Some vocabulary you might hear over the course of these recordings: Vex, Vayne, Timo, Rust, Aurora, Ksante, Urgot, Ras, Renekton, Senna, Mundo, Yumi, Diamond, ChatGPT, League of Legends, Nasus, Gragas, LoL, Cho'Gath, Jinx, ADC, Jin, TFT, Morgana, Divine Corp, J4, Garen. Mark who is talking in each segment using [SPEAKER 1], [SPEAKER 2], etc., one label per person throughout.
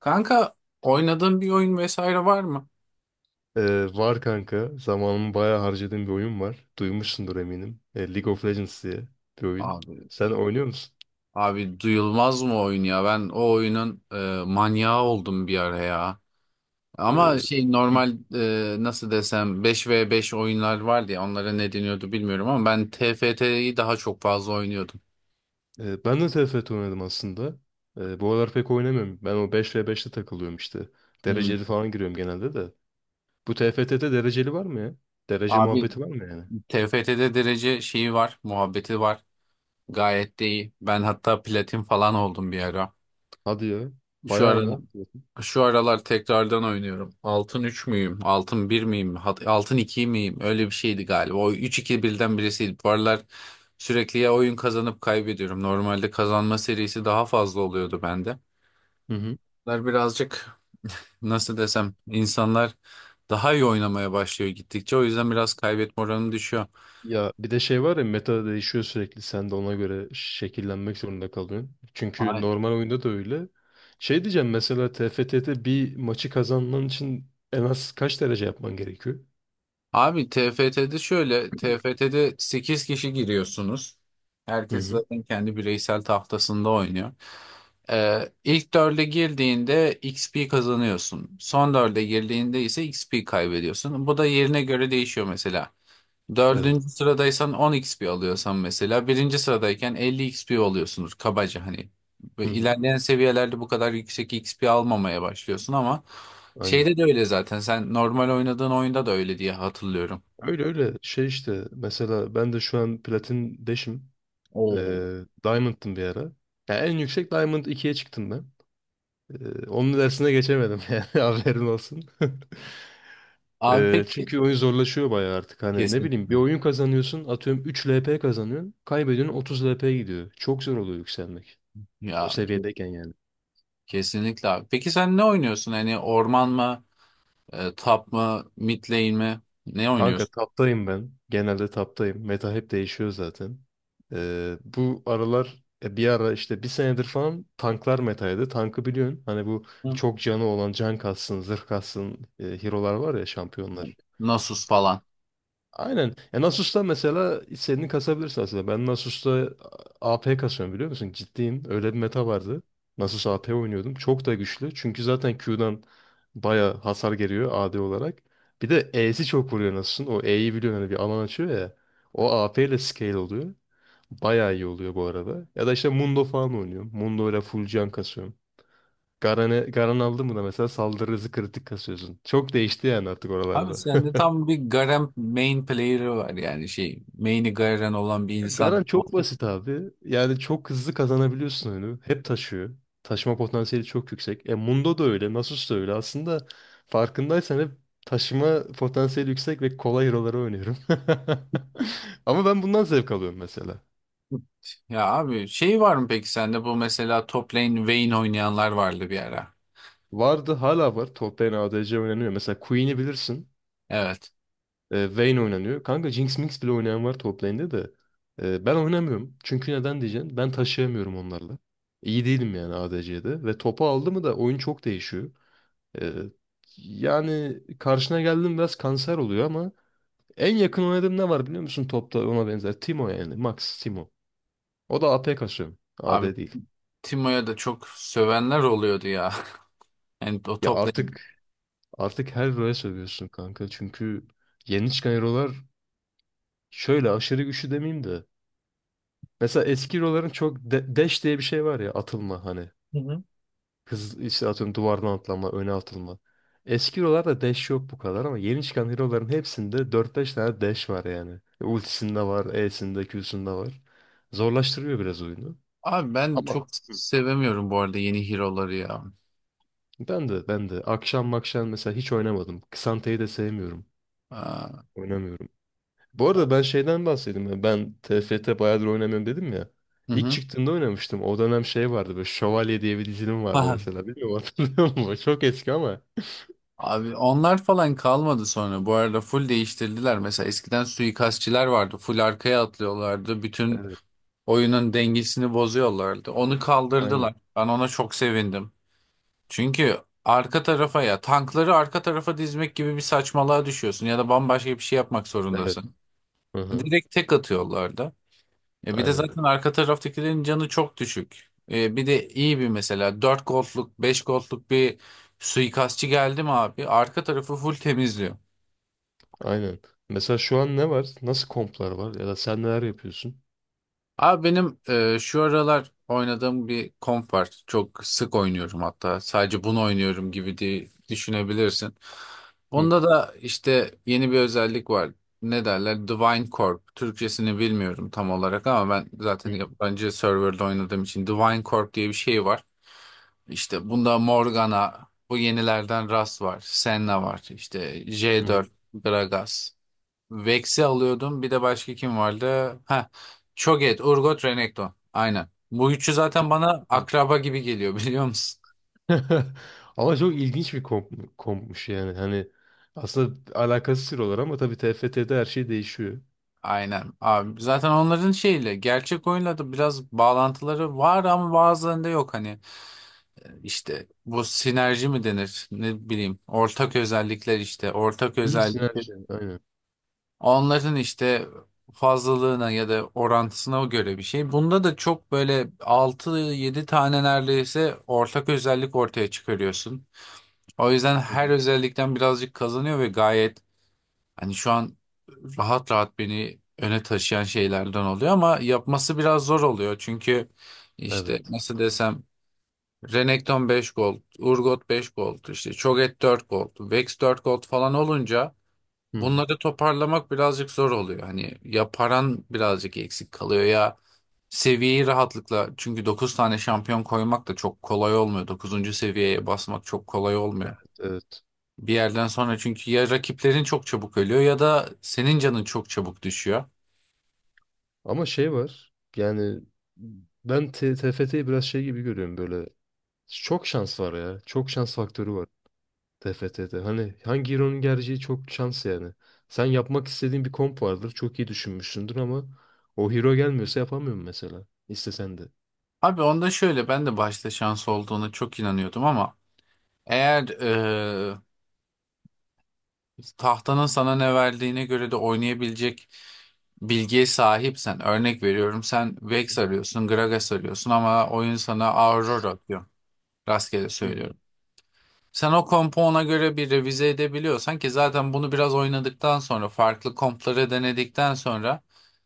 [SPEAKER 1] Kanka oynadığın bir oyun vesaire var mı?
[SPEAKER 2] Var kanka. Zamanımı bayağı harcadığım bir oyun var. Duymuşsundur eminim. League of Legends diye bir oyun.
[SPEAKER 1] Abi
[SPEAKER 2] Sen oynuyor musun?
[SPEAKER 1] abi duyulmaz mı oyun ya? Ben o oyunun manyağı oldum bir ara ya.
[SPEAKER 2] Ee,
[SPEAKER 1] Ama şey
[SPEAKER 2] Hı.
[SPEAKER 1] normal nasıl desem beş ve beş oyunlar vardı ya onlara ne deniyordu bilmiyorum ama ben T F T'yi daha çok fazla oynuyordum.
[SPEAKER 2] Ben de TFT oynadım aslında. Bu aralar pek oynamıyorum. Ben o beş ve beşte takılıyorum işte.
[SPEAKER 1] Hmm.
[SPEAKER 2] Dereceli falan giriyorum genelde de. Bu TFT'de dereceli var mı ya? Derece
[SPEAKER 1] Abi
[SPEAKER 2] muhabbeti var mı yani?
[SPEAKER 1] T F T'de derece şeyi var, muhabbeti var. Gayet de iyi. Ben hatta platin falan oldum bir ara.
[SPEAKER 2] Hadi ya.
[SPEAKER 1] Şu
[SPEAKER 2] Bayağı iyi
[SPEAKER 1] aralar,
[SPEAKER 2] lan.
[SPEAKER 1] şu aralar tekrardan oynuyorum. Altın 3 müyüm? Altın bir miyim? Altın 2 miyim? Öyle bir şeydi galiba. O üç iki birden birisiydi. Bu aralar sürekli ya oyun kazanıp kaybediyorum. Normalde kazanma serisi daha fazla oluyordu bende.
[SPEAKER 2] Hı hı.
[SPEAKER 1] Bunlar birazcık nasıl desem insanlar daha iyi oynamaya başlıyor gittikçe. O yüzden biraz kaybetme oranı düşüyor.
[SPEAKER 2] Ya bir de şey var ya, meta değişiyor sürekli, sen de ona göre şekillenmek zorunda kalıyorsun. Çünkü normal oyunda da öyle. Şey diyeceğim, mesela TFT'de bir maçı kazanman için en az kaç derece yapman gerekiyor?
[SPEAKER 1] Abi T F T'de şöyle, T F T'de 8 kişi giriyorsunuz.
[SPEAKER 2] Hı
[SPEAKER 1] Herkes
[SPEAKER 2] hı.
[SPEAKER 1] zaten kendi bireysel tahtasında oynuyor. İlk 4'e girdiğinde X P kazanıyorsun. Son 4'e girdiğinde ise X P kaybediyorsun. Bu da yerine göre değişiyor mesela.
[SPEAKER 2] Evet.
[SPEAKER 1] Dördüncü sıradaysan 10 XP alıyorsan mesela birinci sıradayken 50 XP alıyorsunuz kabaca hani.
[SPEAKER 2] Hı
[SPEAKER 1] Ve
[SPEAKER 2] hı.
[SPEAKER 1] ilerleyen seviyelerde bu kadar yüksek XP almamaya başlıyorsun ama
[SPEAKER 2] Aynen.
[SPEAKER 1] şeyde de öyle zaten sen normal oynadığın oyunda da öyle diye hatırlıyorum.
[SPEAKER 2] Öyle öyle şey işte, mesela ben de şu an platin 5'im.
[SPEAKER 1] Oo.
[SPEAKER 2] Diamond'tım bir ara. Ya en yüksek Diamond ikiye çıktım ben. Onun dersine geçemedim yani, haberin olsun.
[SPEAKER 1] Abi
[SPEAKER 2] Ee,
[SPEAKER 1] peki
[SPEAKER 2] çünkü oyun zorlaşıyor bayağı artık. Hani ne bileyim, bir
[SPEAKER 1] kesinlikle
[SPEAKER 2] oyun kazanıyorsun, atıyorum 3 LP kazanıyorsun. Kaybediyorsun, 30 LP gidiyor. Çok zor oluyor yükselmek.
[SPEAKER 1] ya
[SPEAKER 2] O seviyedeyken yani.
[SPEAKER 1] kesinlikle abi. Peki sen ne oynuyorsun hani orman mı, top mı, mid lane mi? Ne
[SPEAKER 2] Kanka
[SPEAKER 1] oynuyorsun?
[SPEAKER 2] taptayım ben. Genelde taptayım. Meta hep değişiyor zaten. Bu aralar bir ara işte bir senedir falan tanklar metaydı. Tankı biliyorsun. Hani bu
[SPEAKER 1] Hı.
[SPEAKER 2] çok canı olan, can kassın, zırh kassın, hero'lar var ya, şampiyonlar.
[SPEAKER 1] Nasus falan.
[SPEAKER 2] Aynen. Ya Nasus'ta mesela istediğini kasabilirsin aslında. Ben Nasus'ta AP kasıyorum, biliyor musun? Ciddiyim. Öyle bir meta vardı. Nasus AP oynuyordum. Çok da güçlü. Çünkü zaten Q'dan baya hasar geliyor AD olarak. Bir de E'si çok vuruyor Nasus'un. O E'yi biliyorsun, hani bir alan açıyor ya. O AP ile scale oluyor. Baya iyi oluyor bu arada. Ya da işte Mundo falan oynuyorum. Mundo ile full can kasıyorum. Garen aldın mı da mesela saldırı hızı kritik kasıyorsun. Çok değişti yani artık
[SPEAKER 1] Abi
[SPEAKER 2] oralarda.
[SPEAKER 1] sende tam bir Garen main player'ı var yani şey main'i Garen olan bir insan.
[SPEAKER 2] Garan çok basit abi. Yani çok hızlı kazanabiliyorsun oyunu. Hep taşıyor. Taşıma potansiyeli çok yüksek. E Mundo da öyle, Nasus da öyle. Aslında farkındaysan hep taşıma potansiyeli yüksek ve kolay hero'ları oynuyorum. Ama ben bundan zevk alıyorum mesela.
[SPEAKER 1] Ya abi şey var mı peki sende bu mesela top lane Vayne oynayanlar vardı bir ara.
[SPEAKER 2] Vardı, hala var. Top lane ADC oynanıyor. Mesela Queen'i bilirsin.
[SPEAKER 1] Evet.
[SPEAKER 2] Vayne oynanıyor. Kanka Jinx Minx bile oynayan var top lane'de de. Ben oynamıyorum. Çünkü neden diyeceksin? Ben taşıyamıyorum onlarla. İyi değilim yani ADC'de. Ve topu aldı mı da oyun çok değişiyor. Ee, yani karşına geldim biraz kanser oluyor ama en yakın oynadığım ne var biliyor musun topta ona benzer? Timo yani. Max Timo. O da AP kasıyor.
[SPEAKER 1] Abi
[SPEAKER 2] AD değil.
[SPEAKER 1] Timo'ya da çok sövenler oluyordu ya. Yani o
[SPEAKER 2] Ya
[SPEAKER 1] top lane.
[SPEAKER 2] artık her hero'ya sövüyorsun kanka. Çünkü yeni çıkan hero'lar şöyle aşırı güçlü demeyeyim de. Mesela eski hero'ların çok dash diye bir şey var ya, atılma hani.
[SPEAKER 1] Hı hı.
[SPEAKER 2] Hız işte, atıyorum duvardan atlama, öne atılma. Eski hero'larda dash yok bu kadar ama yeni çıkan hero'ların hepsinde dört beş tane dash var yani. Ultisinde var, E'sinde, Q'sunda var. Zorlaştırıyor biraz oyunu.
[SPEAKER 1] Abi ben
[SPEAKER 2] Ama.
[SPEAKER 1] çok
[SPEAKER 2] Hı.
[SPEAKER 1] sevemiyorum bu arada yeni hero'ları ya.
[SPEAKER 2] Ben de akşam makşam mesela hiç oynamadım. Ksante'yi de sevmiyorum.
[SPEAKER 1] Aa,
[SPEAKER 2] Oynamıyorum. Bu arada
[SPEAKER 1] ya.
[SPEAKER 2] ben şeyden bahsedeyim. Ya, ben t F T bayağıdır oynamıyorum dedim ya.
[SPEAKER 1] Hı
[SPEAKER 2] İlk
[SPEAKER 1] hı.
[SPEAKER 2] çıktığında oynamıştım. O dönem şey vardı, böyle Şövalye diye bir dizilim vardı
[SPEAKER 1] Aha.
[SPEAKER 2] mesela. Bilmiyorum, hatırlıyor musun? Çok eski ama.
[SPEAKER 1] Abi onlar falan kalmadı sonra. Bu arada full değiştirdiler. Mesela eskiden suikastçiler vardı. Full arkaya atlıyorlardı. Bütün
[SPEAKER 2] Evet.
[SPEAKER 1] oyunun dengesini bozuyorlardı. Onu
[SPEAKER 2] Aynen.
[SPEAKER 1] kaldırdılar. Ben ona çok sevindim. Çünkü arka tarafa ya tankları arka tarafa dizmek gibi bir saçmalığa düşüyorsun ya da bambaşka bir şey yapmak
[SPEAKER 2] Evet.
[SPEAKER 1] zorundasın.
[SPEAKER 2] Hı hı.
[SPEAKER 1] Direkt tek atıyorlardı. E bir de
[SPEAKER 2] Aynen.
[SPEAKER 1] zaten arka taraftakilerin canı çok düşük. E bir de iyi bir mesela 4 gold'luk 5 gold'luk bir suikastçı geldi mi abi arka tarafı full temizliyor.
[SPEAKER 2] Aynen. Mesela şu an ne var? Nasıl komplar var? Ya da sen neler yapıyorsun?
[SPEAKER 1] Abi benim şu aralar oynadığım bir komp var. Çok sık oynuyorum hatta. Sadece bunu oynuyorum gibi diye düşünebilirsin.
[SPEAKER 2] Hı.
[SPEAKER 1] Onda da işte yeni bir özellik var. Ne derler? Divine Corp. Türkçesini bilmiyorum tam olarak ama ben zaten
[SPEAKER 2] Hı.
[SPEAKER 1] yabancı serverda oynadığım için Divine Corp diye bir şey var. İşte bunda Morgana, bu yenilerden Ras var, Senna var, işte
[SPEAKER 2] Hı.
[SPEAKER 1] J4, Gragas. Vex'i alıyordum. Bir de başka kim vardı? Ha, Cho'Gath, Urgot, Renekton. Aynen. Bu üçü zaten
[SPEAKER 2] Çok.
[SPEAKER 1] bana akraba gibi geliyor biliyor musun?
[SPEAKER 2] Ama çok ilginç bir kompmuş yani. Hani aslında alakası sıfır ama tabii TFT'de her şey değişiyor.
[SPEAKER 1] Aynen abi. Zaten onların şeyle gerçek oyunla da biraz bağlantıları var ama bazılarında yok hani. İşte bu sinerji mi denir ne bileyim ortak özellikler işte ortak
[SPEAKER 2] Hı,
[SPEAKER 1] özellik,
[SPEAKER 2] sinerji. Aynen.
[SPEAKER 1] onların işte fazlalığına ya da orantısına göre bir şey. Bunda da çok böyle altı yedi tane neredeyse ortak özellik ortaya çıkarıyorsun. O yüzden
[SPEAKER 2] Hı
[SPEAKER 1] her
[SPEAKER 2] hı.
[SPEAKER 1] özellikten birazcık kazanıyor ve gayet hani şu an rahat rahat beni öne taşıyan şeylerden oluyor ama yapması biraz zor oluyor. Çünkü işte
[SPEAKER 2] Evet.
[SPEAKER 1] nasıl desem Renekton 5 gold, Urgot 5 gold, işte Cho'Gath 4 gold, Vex 4 gold falan olunca
[SPEAKER 2] Hı hı.
[SPEAKER 1] bunları toparlamak birazcık zor oluyor. Hani ya paran birazcık eksik kalıyor ya seviyeyi rahatlıkla çünkü 9 tane şampiyon koymak da çok kolay olmuyor. Dokuzuncu seviyeye basmak çok kolay olmuyor.
[SPEAKER 2] Evet.
[SPEAKER 1] Bir yerden sonra çünkü ya rakiplerin çok çabuk ölüyor ya da senin canın çok çabuk düşüyor.
[SPEAKER 2] Ama şey var. Yani ben TFT'yi biraz şey gibi görüyorum böyle. Çok şans var ya. Çok şans faktörü var. TFT'de. Hani hangi hero'nun geleceği çok şans yani. Sen yapmak istediğin bir komp vardır. Çok iyi düşünmüşsündür ama o hero gelmiyorsa yapamıyorum mesela. İstesen de.
[SPEAKER 1] Abi onda şöyle ben de başta şans olduğuna çok inanıyordum ama eğer tahtanın sana ne verdiğine göre de oynayabilecek bilgiye sahipsen, örnek veriyorum sen Vex arıyorsun, Gragas arıyorsun ama oyun sana Aurora atıyor. Rastgele
[SPEAKER 2] Hı.
[SPEAKER 1] söylüyorum. Sen o kompu ona göre bir revize edebiliyorsan ki zaten bunu biraz oynadıktan sonra farklı kompları denedikten sonra,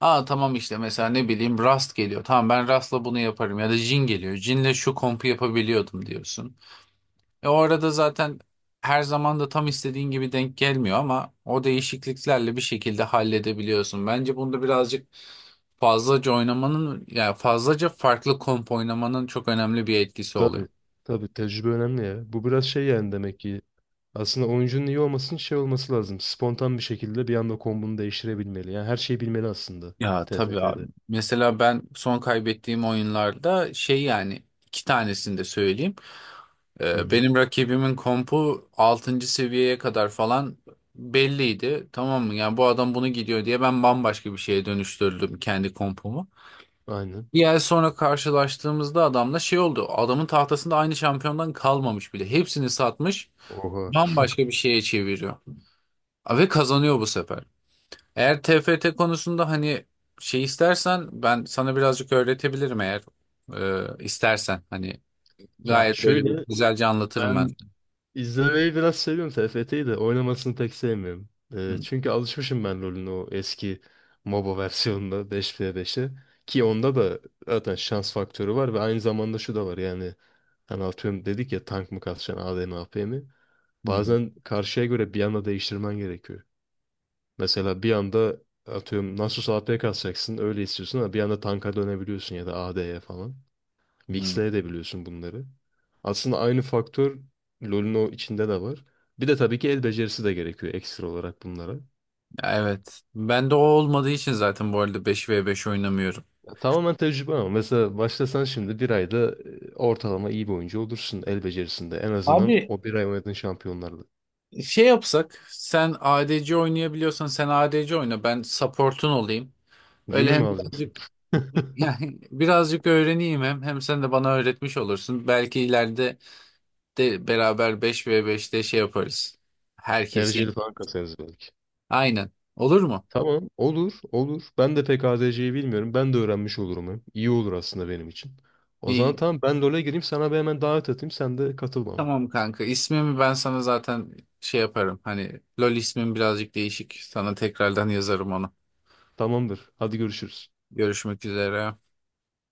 [SPEAKER 1] aa tamam işte mesela ne bileyim Rust geliyor. Tamam ben Rust'la bunu yaparım ya da Jin geliyor. Jin'le şu kompu yapabiliyordum diyorsun. E o arada zaten her zaman da tam istediğin gibi denk gelmiyor ama o değişikliklerle bir şekilde halledebiliyorsun. Bence bunda birazcık fazlaca oynamanın yani fazlaca farklı komp oynamanın çok önemli bir etkisi oluyor.
[SPEAKER 2] Tabii. Tabii, tecrübe önemli ya. Bu biraz şey yani, demek ki aslında oyuncunun iyi olmasının şey olması lazım. Spontan bir şekilde bir anda kombunu değiştirebilmeli. Yani her şeyi bilmeli aslında
[SPEAKER 1] Ya tabii abi.
[SPEAKER 2] TFT'de.
[SPEAKER 1] Mesela ben son kaybettiğim oyunlarda şey yani iki tanesini de söyleyeyim.
[SPEAKER 2] Hı hı.
[SPEAKER 1] Benim rakibimin kompu altıncı seviyeye kadar falan belliydi. Tamam mı? Yani bu adam bunu gidiyor diye ben bambaşka bir şeye dönüştürdüm kendi kompumu.
[SPEAKER 2] Aynen.
[SPEAKER 1] Bir ay sonra karşılaştığımızda adamla şey oldu. Adamın tahtasında aynı şampiyondan kalmamış bile. Hepsini satmış,
[SPEAKER 2] Oha.
[SPEAKER 1] bambaşka bir şeye çeviriyor. Ve kazanıyor bu sefer. Eğer T F T konusunda hani şey istersen ben sana birazcık öğretebilirim eğer istersen. Hani
[SPEAKER 2] Ya
[SPEAKER 1] gayet böyle bir
[SPEAKER 2] şöyle,
[SPEAKER 1] güzelce anlatırım ben.
[SPEAKER 2] ben İzlemeyi biraz seviyorum, TFT'yi de oynamasını pek sevmiyorum. Ee,
[SPEAKER 1] Hı,
[SPEAKER 2] çünkü alışmışım ben rolün o eski MOBA versiyonunda 5v5'e. Ki onda da zaten şans faktörü var ve aynı zamanda şu da var yani. Hani atıyorum dedik ya, tank mı kalkacaksın, AD mi, AP mi?
[SPEAKER 1] hı,
[SPEAKER 2] Bazen karşıya göre bir anda değiştirmen gerekiyor. Mesela bir anda atıyorum Nasus AP kalkacaksın öyle istiyorsun ama bir anda tanka dönebiliyorsun ya da AD'ye falan.
[SPEAKER 1] hı.
[SPEAKER 2] Mixleyebiliyorsun bunları. Aslında aynı faktör LoL'ün o içinde de var. Bir de tabii ki el becerisi de gerekiyor ekstra olarak bunlara.
[SPEAKER 1] Evet. Ben de o olmadığı için zaten bu arada beş ve beş oynamıyorum.
[SPEAKER 2] Ya tamamen tecrübe ama mesela başlasan şimdi bir ayda ortalama iyi bir oyuncu olursun el becerisinde. En azından
[SPEAKER 1] Abi
[SPEAKER 2] o bir ay oynadığın şampiyonlarla.
[SPEAKER 1] şey yapsak, sen ADC oynayabiliyorsan sen ADC oyna, ben support'un olayım. Öyle
[SPEAKER 2] Yumi mi
[SPEAKER 1] hem
[SPEAKER 2] alacaksın?
[SPEAKER 1] birazcık yani birazcık öğreneyim hem sen de bana öğretmiş olursun. Belki ileride de beraber beş ve beşte şey yaparız. Herkesi.
[SPEAKER 2] Dereceli falan kasarız belki.
[SPEAKER 1] Aynen. Olur mu?
[SPEAKER 2] Tamam, olur olur. Ben de pek ADC'yi bilmiyorum. Ben de öğrenmiş olurum hem. İyi olur aslında benim için. O zaman
[SPEAKER 1] İyi.
[SPEAKER 2] tamam, ben LoL'e gireyim, sana bir hemen davet atayım, sen de katıl bana.
[SPEAKER 1] Tamam kanka. İsmimi ben sana zaten şey yaparım. Hani LoL ismim birazcık değişik. Sana tekrardan yazarım onu.
[SPEAKER 2] Tamamdır. Hadi görüşürüz.
[SPEAKER 1] Görüşmek üzere.